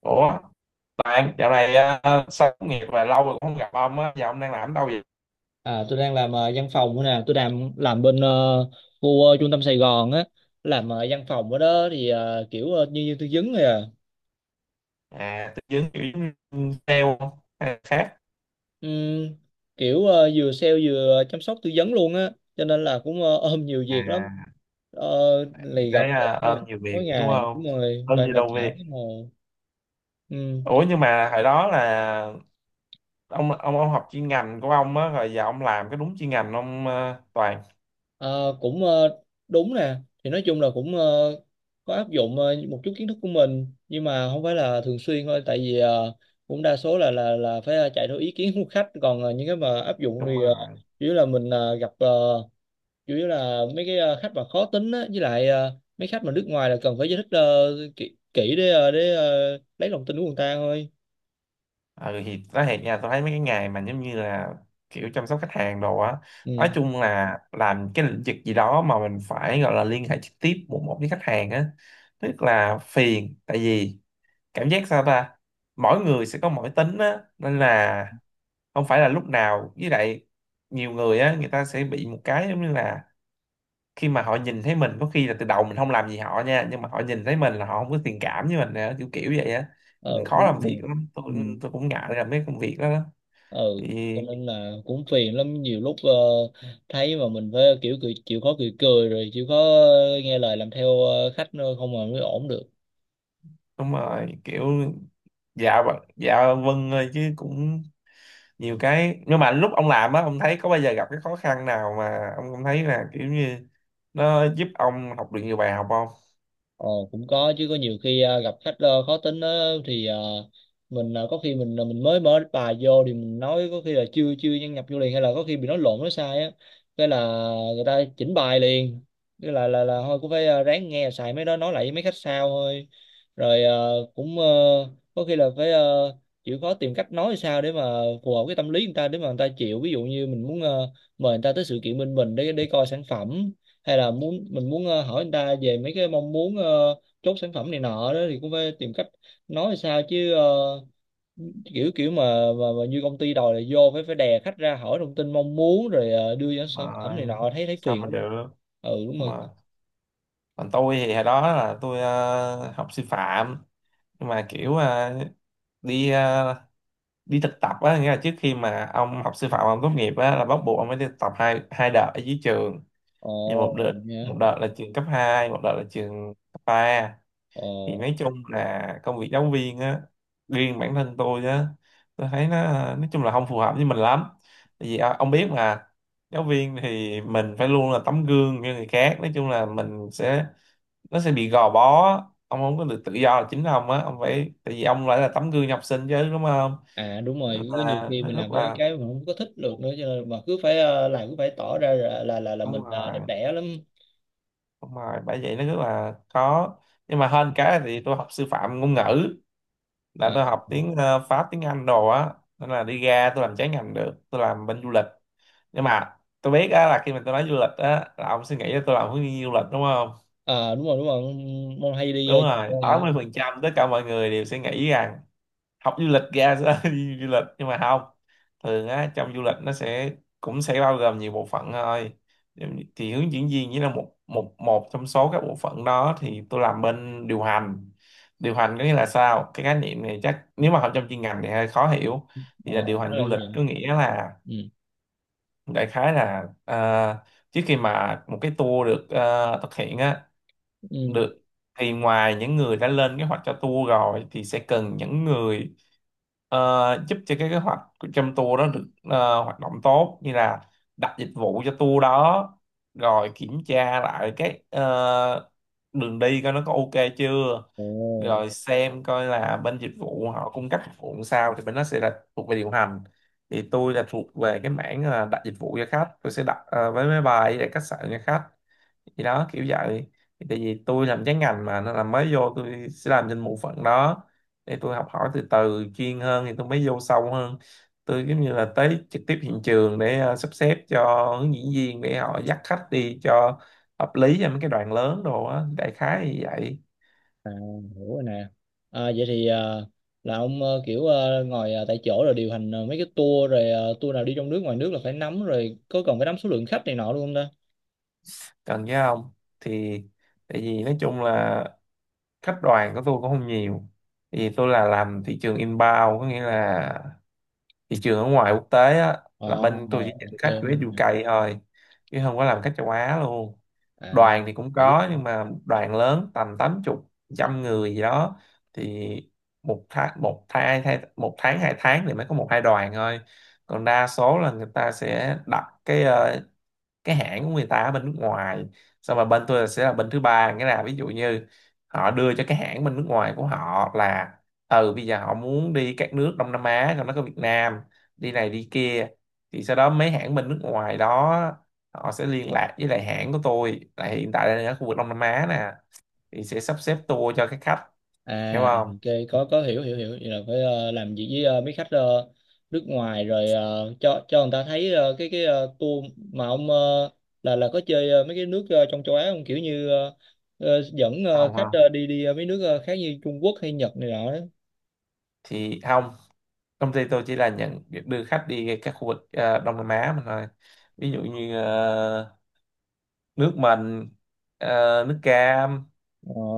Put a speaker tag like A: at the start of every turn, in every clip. A: Ủa, bạn dạo này sao tốt nghiệp và lâu rồi cũng không gặp ông á, giờ ông đang làm ở đâu vậy?
B: À, tôi đang làm văn phòng nữa nè, tôi làm bên khu trung tâm Sài Gòn á, làm văn phòng ở đó thì kiểu nhân viên tư vấn rồi à.
A: À, tư vấn kiểu giống sale không? Hay là khác?
B: Ừm, kiểu vừa sale vừa chăm sóc tư vấn luôn á, cho nên là cũng ôm nhiều việc lắm,
A: À, thì
B: lì gặp
A: thấy
B: khách
A: ôm nhiều
B: mỗi
A: việc đúng
B: ngày
A: không?
B: đúng rồi,
A: Ôm
B: mà
A: nhiều
B: mà
A: đâu
B: chả
A: việc.
B: thấy ngồi.
A: Ủa, nhưng mà hồi đó là ông học chuyên ngành của ông á, rồi giờ ông làm cái đúng chuyên ngành ông, Toàn.
B: Ờ, cũng đúng nè, thì nói chung là cũng có áp dụng một chút kiến thức của mình, nhưng mà không phải là thường xuyên thôi, tại vì cũng đa số là phải chạy theo ý kiến của khách, còn những cái mà áp dụng
A: Đúng
B: thì
A: rồi.
B: chủ yếu là mình gặp, chủ yếu là mấy cái khách mà khó tính á, với lại mấy khách mà nước ngoài là cần phải giải thích kỹ để lấy lòng tin của người ta thôi.
A: Ừ, thì nói thiệt nha, tôi thấy mấy cái nghề mà giống như là kiểu chăm sóc khách hàng đồ á, nói
B: Ừ.
A: chung là làm cái lĩnh vực gì đó mà mình phải gọi là liên hệ trực tiếp một một với khách hàng á, tức là phiền. Tại vì cảm giác sao ta, mỗi người sẽ có mỗi tính á, nên là không phải là lúc nào. Với lại nhiều người á, người ta sẽ bị một cái giống như là khi mà họ nhìn thấy mình, có khi là từ đầu mình không làm gì họ nha, nhưng mà họ nhìn thấy mình là họ không có thiện cảm với mình nữa, kiểu kiểu vậy á,
B: Ờ,
A: mình khó
B: đúng
A: làm việc
B: rồi.
A: lắm tôi.
B: Ừ.
A: Tôi cũng ngại làm mấy công việc đó.
B: Ừ,
A: Thì
B: cho nên là cũng phiền lắm, nhiều lúc thấy mà mình phải kiểu cười, chịu khó cười cười rồi chịu khó nghe lời làm theo khách nữa, không mà mới ổn được.
A: đúng rồi, kiểu dạ vâng dạ vâng ơi chứ cũng nhiều cái. Nhưng mà lúc ông làm á, ông thấy có bao giờ gặp cái khó khăn nào mà ông không thấy là kiểu như nó giúp ông học được nhiều bài học không?
B: Ồ, cũng có chứ, có nhiều khi à, gặp khách khó tính á, thì à, mình à, có khi mình mới mở bài vô thì mình nói có khi là chưa chưa nhân nhập vô liền, hay là có khi bị nói lộn nói sai á, cái là người ta chỉnh bài liền, cái là thôi cũng phải à, ráng nghe xài mấy đó nói lại với mấy khách sao thôi. Rồi à, cũng có khi là phải chịu khó tìm cách nói sao để mà phù hợp cái tâm lý người ta để mà người ta chịu, ví dụ như mình muốn mời người ta tới sự kiện bên mình để coi sản phẩm, hay là mình muốn hỏi người ta về mấy cái mong muốn, chốt sản phẩm này nọ đó, thì cũng phải tìm cách nói sao chứ kiểu kiểu mà, như công ty đòi là vô phải phải đè khách ra hỏi thông tin mong muốn rồi đưa ra sản phẩm
A: Mà
B: này nọ, thấy thấy
A: sao
B: phiền
A: mà
B: lắm.
A: được?
B: Ừ, đúng rồi.
A: Mà còn tôi thì hồi đó là tôi học sư phạm, nhưng mà kiểu, đi ờ, đi thực tập á, nghĩa là trước khi mà ông học sư phạm ông tốt nghiệp á là bắt buộc ông phải đi thực tập hai hai đợt ở dưới trường. Thì một đợt,
B: Ồ. Nha.
A: một đợt là trường cấp hai, một đợt là trường cấp ba. Thì
B: Ồ.
A: nói chung là công việc giáo viên á, riêng bản thân tôi á, tôi thấy nó nói chung là không phù hợp với mình lắm. Tại vì à, ông biết mà, giáo viên thì mình phải luôn là tấm gương cho người khác. Nói chung là mình sẽ, nó sẽ bị gò bó, ông không có được tự do là chính ông á, ông phải, tại vì ông lại là tấm gương cho học sinh chứ, đúng không?
B: À, đúng
A: Nên
B: rồi, có nhiều
A: là
B: khi
A: nó
B: mình làm
A: rất
B: mấy
A: là,
B: cái mình không có thích được nữa, cho nên mà cứ phải làm, cứ phải tỏ ra là mình
A: đúng
B: đẹp
A: rồi,
B: đẽ lắm.
A: đúng rồi, bởi vậy nó rất là khó. Nhưng mà hơn cái thì tôi học sư phạm ngôn ngữ, là
B: À.
A: tôi học tiếng Pháp, tiếng Anh đồ á, nên là đi ra tôi làm trái ngành được, tôi làm bên du lịch. Nhưng mà tôi biết á là khi mà tôi nói du lịch á, là ông suy nghĩ là tôi làm hướng dẫn viên du lịch đúng không?
B: À, đúng rồi, đúng rồi, mong hay đi
A: Đúng rồi,
B: nhiều nơi hả?
A: 80% tất cả mọi người đều suy nghĩ rằng học du lịch ra sẽ đi du lịch, nhưng mà không. Thường á, trong du lịch nó sẽ cũng sẽ bao gồm nhiều bộ phận thôi. Thì hướng dẫn viên chỉ là một một một trong số các bộ phận đó, thì tôi làm bên điều hành. Điều hành có nghĩa là sao? Cái khái niệm này chắc nếu mà học trong chuyên ngành thì hơi khó hiểu. Thì
B: ờ
A: là điều hành
B: đó
A: du
B: là gì
A: lịch
B: vậy?
A: có nghĩa là,
B: Ừ.
A: đại khái là, trước khi mà một cái tour được thực hiện á,
B: Ừ.
A: được, thì ngoài những người đã lên kế hoạch cho tour rồi thì sẽ cần những người ờ, giúp cho cái kế hoạch của- trong tour đó được hoạt động tốt, như là đặt dịch vụ cho tour đó, rồi kiểm tra lại cái, đường đi coi nó có ok chưa,
B: Ồ.
A: rồi xem coi là bên dịch vụ họ cung cấp dịch vụ sao, thì bên đó sẽ là thuộc về điều hành. Thì tôi là thuộc về cái mảng đặt dịch vụ cho khách, tôi sẽ đặt vé máy bay để khách sạn cho khách. Thì đó, kiểu vậy. Thì tại vì tôi làm trái ngành mà, nên là mới vô tôi sẽ làm trên bộ phận đó, để tôi học hỏi từ từ chuyên hơn thì tôi mới vô sâu hơn. Tôi giống như là tới trực tiếp hiện trường để sắp xếp cho hướng dẫn viên để họ dắt khách đi cho hợp lý, cho mấy cái đoàn lớn đồ á, đại khái như vậy.
B: À, hiểu rồi nè. À, vậy thì à, là ông kiểu ngồi tại chỗ rồi điều hành mấy cái tour, rồi tour nào đi trong nước ngoài nước là phải nắm, rồi có còn phải nắm số lượng khách này nọ luôn không ta?
A: Cần chứ không thì, tại vì nói chung là khách đoàn của tôi cũng không nhiều. Thì tôi là làm thị trường inbound, có nghĩa là thị trường ở ngoài quốc tế á,
B: Ờ.
A: là bên tôi chỉ nhận
B: Ok.
A: khách US UK thôi, chứ không có làm khách châu Á luôn.
B: À.
A: Đoàn thì cũng
B: Giữ.
A: có nhưng mà đoàn lớn tầm 80, trăm người gì đó. Thì một tháng, một tháng hai, một tháng hai tháng thì mới có một hai đoàn thôi. Còn đa số là người ta sẽ đặt cái, cái hãng của người ta ở bên nước ngoài, xong rồi bên tôi sẽ là bên thứ ba, nghĩa là ví dụ như họ đưa cho cái hãng bên nước ngoài của họ là ừ bây giờ họ muốn đi các nước Đông Nam Á trong đó có Việt Nam, đi này đi kia, thì sau đó mấy hãng bên nước ngoài đó họ sẽ liên lạc với lại hãng của tôi là hiện tại đang ở khu vực Đông Nam Á nè, thì sẽ sắp xếp tour cho các khách. Hiểu
B: À,
A: không?
B: ok, có hiểu hiểu hiểu, vậy là phải làm việc với mấy khách nước ngoài rồi cho người ta thấy cái tour mà ông là có chơi mấy cái nước trong châu Á không, kiểu như dẫn
A: Không,
B: khách
A: không,
B: đi đi mấy nước khác như Trung Quốc hay Nhật này nọ đó?
A: thì không, công ty tôi chỉ là nhận việc đưa khách đi các khu vực Đông Nam Á mà thôi. Ví dụ như nước mình, nước cam,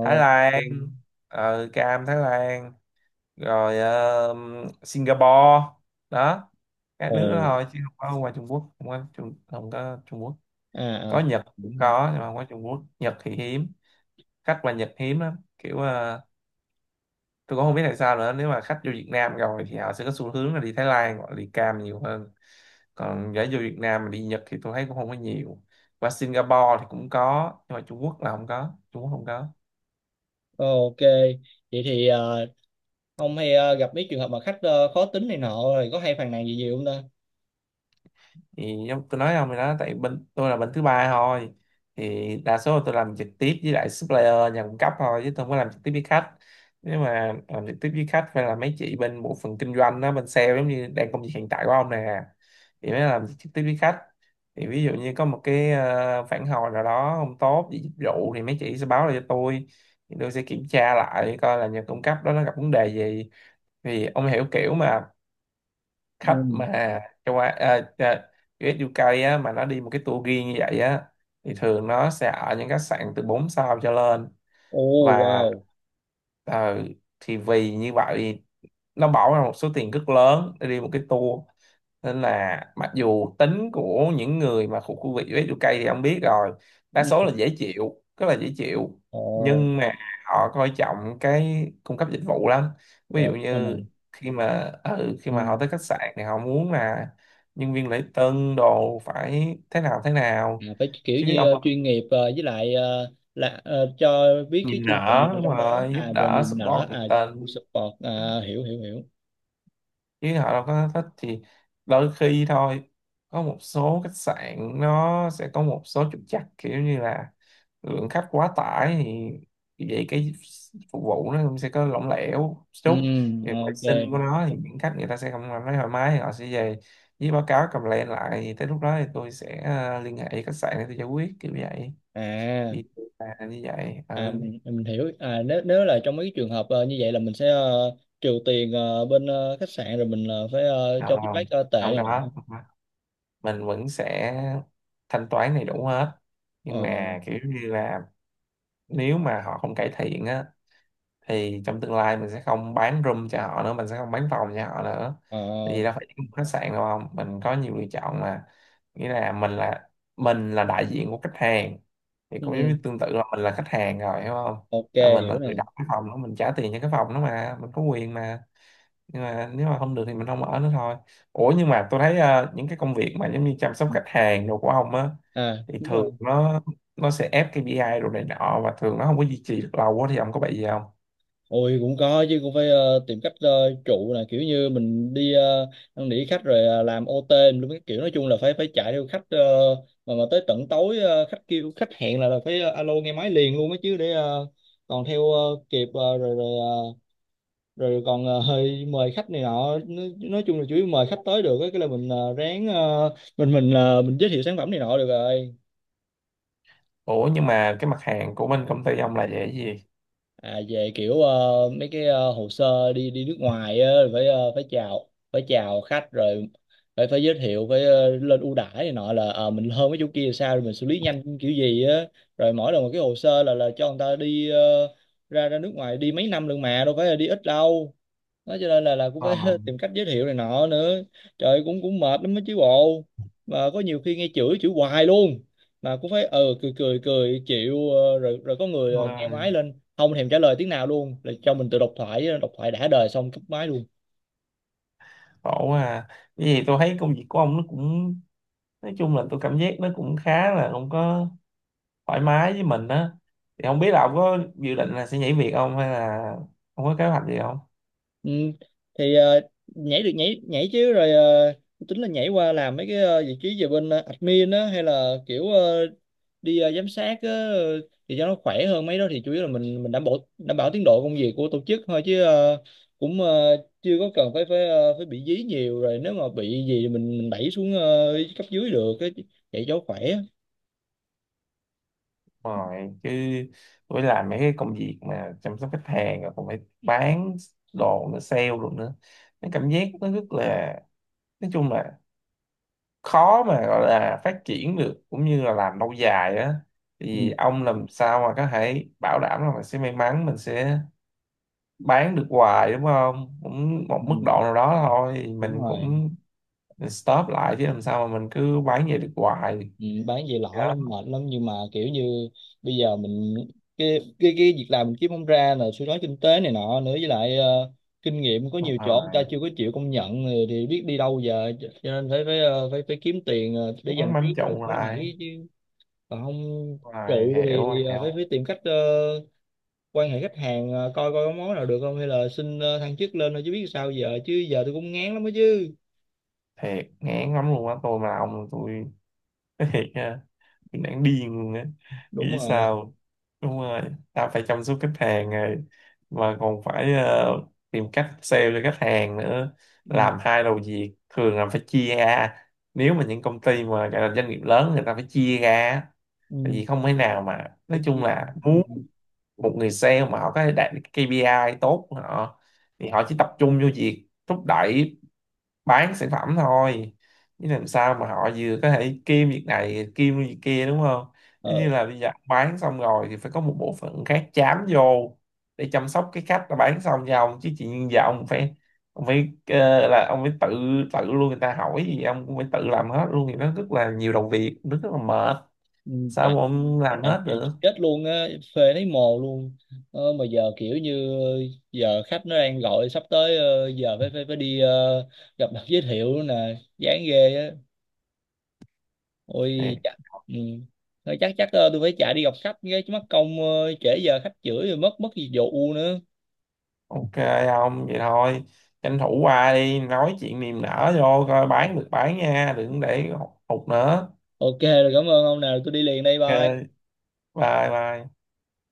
A: Thái Lan,
B: Ừ.
A: cam Thái Lan, rồi Singapore đó, các nước đó
B: Ồ.
A: thôi. Chứ không có ngoài Trung Quốc, không có không có Trung Quốc.
B: À, à,
A: Có Nhật cũng
B: đúng rồi.
A: có nhưng mà không có Trung Quốc. Nhật thì hiếm, khách qua Nhật hiếm lắm, kiểu tôi cũng không biết tại sao nữa. Nếu mà khách vô Việt Nam rồi thì họ sẽ có xu hướng là đi Thái Lan hoặc là đi cam nhiều hơn, còn gái vô Việt Nam mà đi Nhật thì tôi thấy cũng không có nhiều. Và Singapore thì cũng có, nhưng mà Trung Quốc là không có, Trung Quốc không có.
B: Ờ, ok. Vậy thì ông hay gặp mấy trường hợp mà khách khó tính này nọ, rồi có hay phàn nàn gì nhiều không ta?
A: Thì giống tôi nói ông thì đó, tại bên tôi là bên thứ ba thôi, thì đa số là tôi làm trực tiếp với lại supplier, nhà cung cấp thôi, chứ tôi không có làm trực tiếp với khách. Nếu mà làm trực tiếp với khách phải là mấy chị bên bộ phận kinh doanh đó, bên sale, giống như đang công việc hiện tại của ông nè, thì mới làm trực tiếp với khách. Thì ví dụ như có một cái phản hồi nào đó không tốt về dịch vụ thì mấy chị sẽ báo lại cho tôi, thì tôi sẽ kiểm tra lại coi là nhà cung cấp đó nó gặp vấn đề gì. Thì ông hiểu, kiểu mà
B: Ừ.
A: khách mà châu Á, US UK á, mà nó đi một cái tour riêng như vậy á, thì thường nó sẽ ở những khách sạn từ 4 sao cho lên,
B: Ồ,
A: và
B: wow.
A: ờ, thì vì như vậy nó bỏ ra một số tiền rất lớn để đi một cái tour, nên là mặc dù tính của những người mà thuộc khu vực US UK thì ông biết rồi, đa
B: Ừ.
A: số là dễ chịu, rất là dễ chịu,
B: Ồ.
A: nhưng mà họ coi trọng cái cung cấp dịch vụ lắm. Ví dụ
B: Ồ, đúng rồi
A: như
B: nè.
A: khi mà
B: Ừ.
A: họ tới khách sạn thì họ muốn là nhân viên lễ tân đồ phải thế nào thế
B: À,
A: nào,
B: phải kiểu
A: chứ
B: như
A: ông,
B: chuyên nghiệp, với lại cho biết cái
A: nhìn
B: chương trình
A: nở
B: ở
A: đúng
B: trong đó
A: rồi, giúp
B: à, rồi
A: đỡ
B: niềm nở
A: support nhiệt
B: à.
A: tình,
B: Support à, hiểu hiểu hiểu.
A: chứ họ đâu có thích. Thì đôi khi thôi, có một số khách sạn nó sẽ có một số trục trặc, kiểu như là lượng khách quá tải, thì vậy cái phục vụ nó cũng sẽ có lỏng lẻo
B: Ừ,
A: chút, thì vệ
B: ok.
A: sinh của nó thì những khách người ta sẽ không cảm thấy thoải mái thì họ sẽ về với báo cáo complain lại, thì tới lúc đó thì tôi sẽ liên hệ với khách sạn để tôi giải quyết, kiểu vậy.
B: À,
A: Thì là như vậy,
B: à,
A: ừ.
B: mình hiểu. À, nếu nếu là trong mấy cái trường hợp như vậy là mình sẽ trừ tiền bên khách sạn, rồi mình phải cho
A: Không,
B: feedback
A: không,
B: tệ
A: không
B: này nè.
A: có. Ừ, mình vẫn sẽ thanh toán đầy đủ hết, nhưng
B: Ồ,
A: mà kiểu như là nếu mà họ không cải thiện á, thì trong tương lai mình sẽ không bán room cho họ nữa, mình sẽ không bán phòng cho họ nữa. Tại vì đâu
B: ờ,
A: phải chỉ một khách sạn đâu, không, mình có nhiều lựa chọn mà. Nghĩa là mình là, mình là đại diện của khách hàng, thì cũng giống
B: ừ,
A: như tương tự là mình là khách hàng rồi, hiểu không?
B: ok,
A: Là mình là
B: hiểu nè.
A: người đặt cái phòng đó, mình trả tiền cho cái phòng đó mà, mình có quyền mà. Nhưng mà nếu mà không được thì mình không ở nữa thôi. Ủa, nhưng mà tôi thấy những cái công việc mà giống như chăm sóc
B: Ừ.
A: khách hàng đồ của ông á,
B: À,
A: thì
B: đúng
A: thường
B: rồi.
A: nó sẽ ép KPI đồ này nọ, và thường nó không có duy trì được lâu quá, thì ông có bị gì không?
B: Ôi, cũng có chứ, cũng phải tìm cách trụ, là kiểu như mình đi năn nỉ khách rồi làm OT luôn, cái kiểu nói chung là phải phải chạy theo khách, mà tới tận tối khách kêu khách hẹn là, phải alo nghe máy liền luôn á, chứ để còn theo kịp ờ, rồi rồi ờ, rồi còn ờ, hơi mời khách này nọ, nói chung là chủ yếu mời khách tới được á, cái là mình ráng, mình giới thiệu sản phẩm này nọ được rồi.
A: Ủa, nhưng mà cái mặt hàng của bên công ty ông là về cái gì?
B: À, về kiểu mấy cái hồ sơ đi đi nước ngoài á, rồi phải phải chào khách, rồi phải phải giới thiệu, phải lên ưu đãi này nọ là mình hơn mấy chỗ kia là sao, rồi mình xử lý nhanh kiểu gì á, rồi mỗi lần một cái hồ sơ là cho người ta đi ra ra nước ngoài đi mấy năm lần mà đâu phải là đi ít đâu, đó cho nên là cũng
A: Ờ,
B: phải tìm cách giới thiệu này nọ nữa. Trời ơi, cũng cũng mệt lắm á chứ bộ, mà có nhiều khi nghe chửi chửi hoài luôn, mà cũng phải cười cười cười chịu, rồi rồi có người
A: đúng
B: nghe
A: rồi.
B: máy lên không thèm trả lời tiếng nào luôn, là cho mình tự độc thoại đã đời xong cúp máy luôn.
A: Khổ quá à. Cái gì, tôi thấy công việc của ông nó cũng nói chung là tôi cảm giác nó cũng khá là không có thoải mái với mình á. Thì không biết là ông có dự định là sẽ nhảy việc không hay là không có kế hoạch gì không?
B: Ừ. Thì nhảy được, nhảy nhảy chứ, rồi tính là nhảy qua làm mấy cái vị trí về bên admin á, hay là kiểu đi giám sát á, thì cho nó khỏe hơn. Mấy đó thì chủ yếu là mình đảm bảo tiến độ công việc của tổ chức thôi, chứ cũng chưa có cần phải phải ờ, phải bị dí nhiều, rồi nếu mà bị gì thì mình đẩy xuống cấp dưới được á, vậy cho khỏe.
A: Rồi chứ. Với lại mấy cái công việc mà chăm sóc khách hàng rồi còn phải bán đồ nữa, sale luôn nữa, cái cảm giác nó rất là, nói chung là, khó mà gọi là phát triển được cũng như là làm lâu dài á.
B: Ừ,
A: Thì ông làm sao mà có thể bảo đảm là mình sẽ may mắn, mình sẽ bán được hoài, đúng không? Cũng một mức
B: ừ,
A: độ nào đó thôi,
B: đúng
A: mình
B: rồi.
A: cũng, mình stop lại, chứ làm sao mà mình cứ bán vậy được hoài.
B: Ừ, bán về
A: Thì
B: lỏ
A: đó,
B: lắm, mệt lắm, nhưng mà kiểu như bây giờ mình, cái việc làm mình kiếm không ra, là suy thoái kinh tế này nọ nữa, với lại kinh nghiệm có
A: đúng
B: nhiều chỗ người ta
A: rồi,
B: chưa có chịu công nhận, thì biết đi đâu giờ? Cho nên phải phải ờ, phải phải kiếm tiền để
A: bán
B: dành trước
A: bám
B: rồi
A: trụ
B: mới
A: lại,
B: nhảy chứ, còn không
A: rồi,
B: trụ thì,
A: hiểu
B: thì phải
A: hiểu.
B: phải tìm cách quan hệ khách hàng, coi coi có món nào được không, hay là xin thăng chức lên thôi, chứ biết sao giờ, chứ giờ tôi cũng ngán lắm đó chứ.
A: Thiệt ngán lắm luôn á, tôi mà là ông tôi nói thiệt nha, tôi
B: Ừ,
A: đang điên luôn á,
B: đúng
A: nghĩ
B: rồi.
A: sao. Đúng rồi, ta phải chăm sóc khách hàng rồi mà còn phải tìm cách sale cho khách hàng nữa,
B: Ừ,
A: làm hai đầu việc, thường là phải chia ra. Nếu mà những công ty mà gọi là doanh nghiệp lớn người ta phải chia ra á. Tại
B: ừ.
A: vì không thể nào mà
B: Phải
A: nói chung
B: chỉ-
A: là
B: ừ.
A: muốn một người sale mà họ có đạt được KPI tốt của họ thì họ chỉ tập trung vô việc thúc đẩy bán sản phẩm thôi, chứ làm sao mà họ vừa có thể kiêm việc này kiêm việc kia đúng không? Giống
B: Ờ,
A: như là bây giờ ông bán xong rồi thì phải có một bộ phận khác chám vô để chăm sóc cái khách đã bán xong cho ông, chứ chị nhiên giờ ông phải, ông phải là ông phải tự, tự luôn, người ta hỏi gì ông cũng phải tự làm hết luôn, thì nó rất là nhiều đầu việc, nó rất là mệt,
B: ừ,
A: sao mà ông làm
B: à,
A: hết
B: à,
A: được.
B: chết luôn á, phê thấy mồ luôn, mà giờ kiểu như giờ khách nó đang gọi sắp tới, giờ phải phải phải đi gặp mặt giới thiệu nữa nè, chán ghê á.
A: Thì
B: Ôi chắc ừ. Thôi chắc chắc tôi phải chạy đi gặp khách cái, chứ mất công trễ giờ khách chửi rồi mất mất gì vụ nữa.
A: ok, ông vậy thôi, tranh thủ qua đi nói chuyện niềm nở vô coi bán được bán nha, đừng để hụt nữa.
B: Ok rồi, cảm ơn ông nào, tôi đi liền đây. Bye.
A: Ok. Bye bye.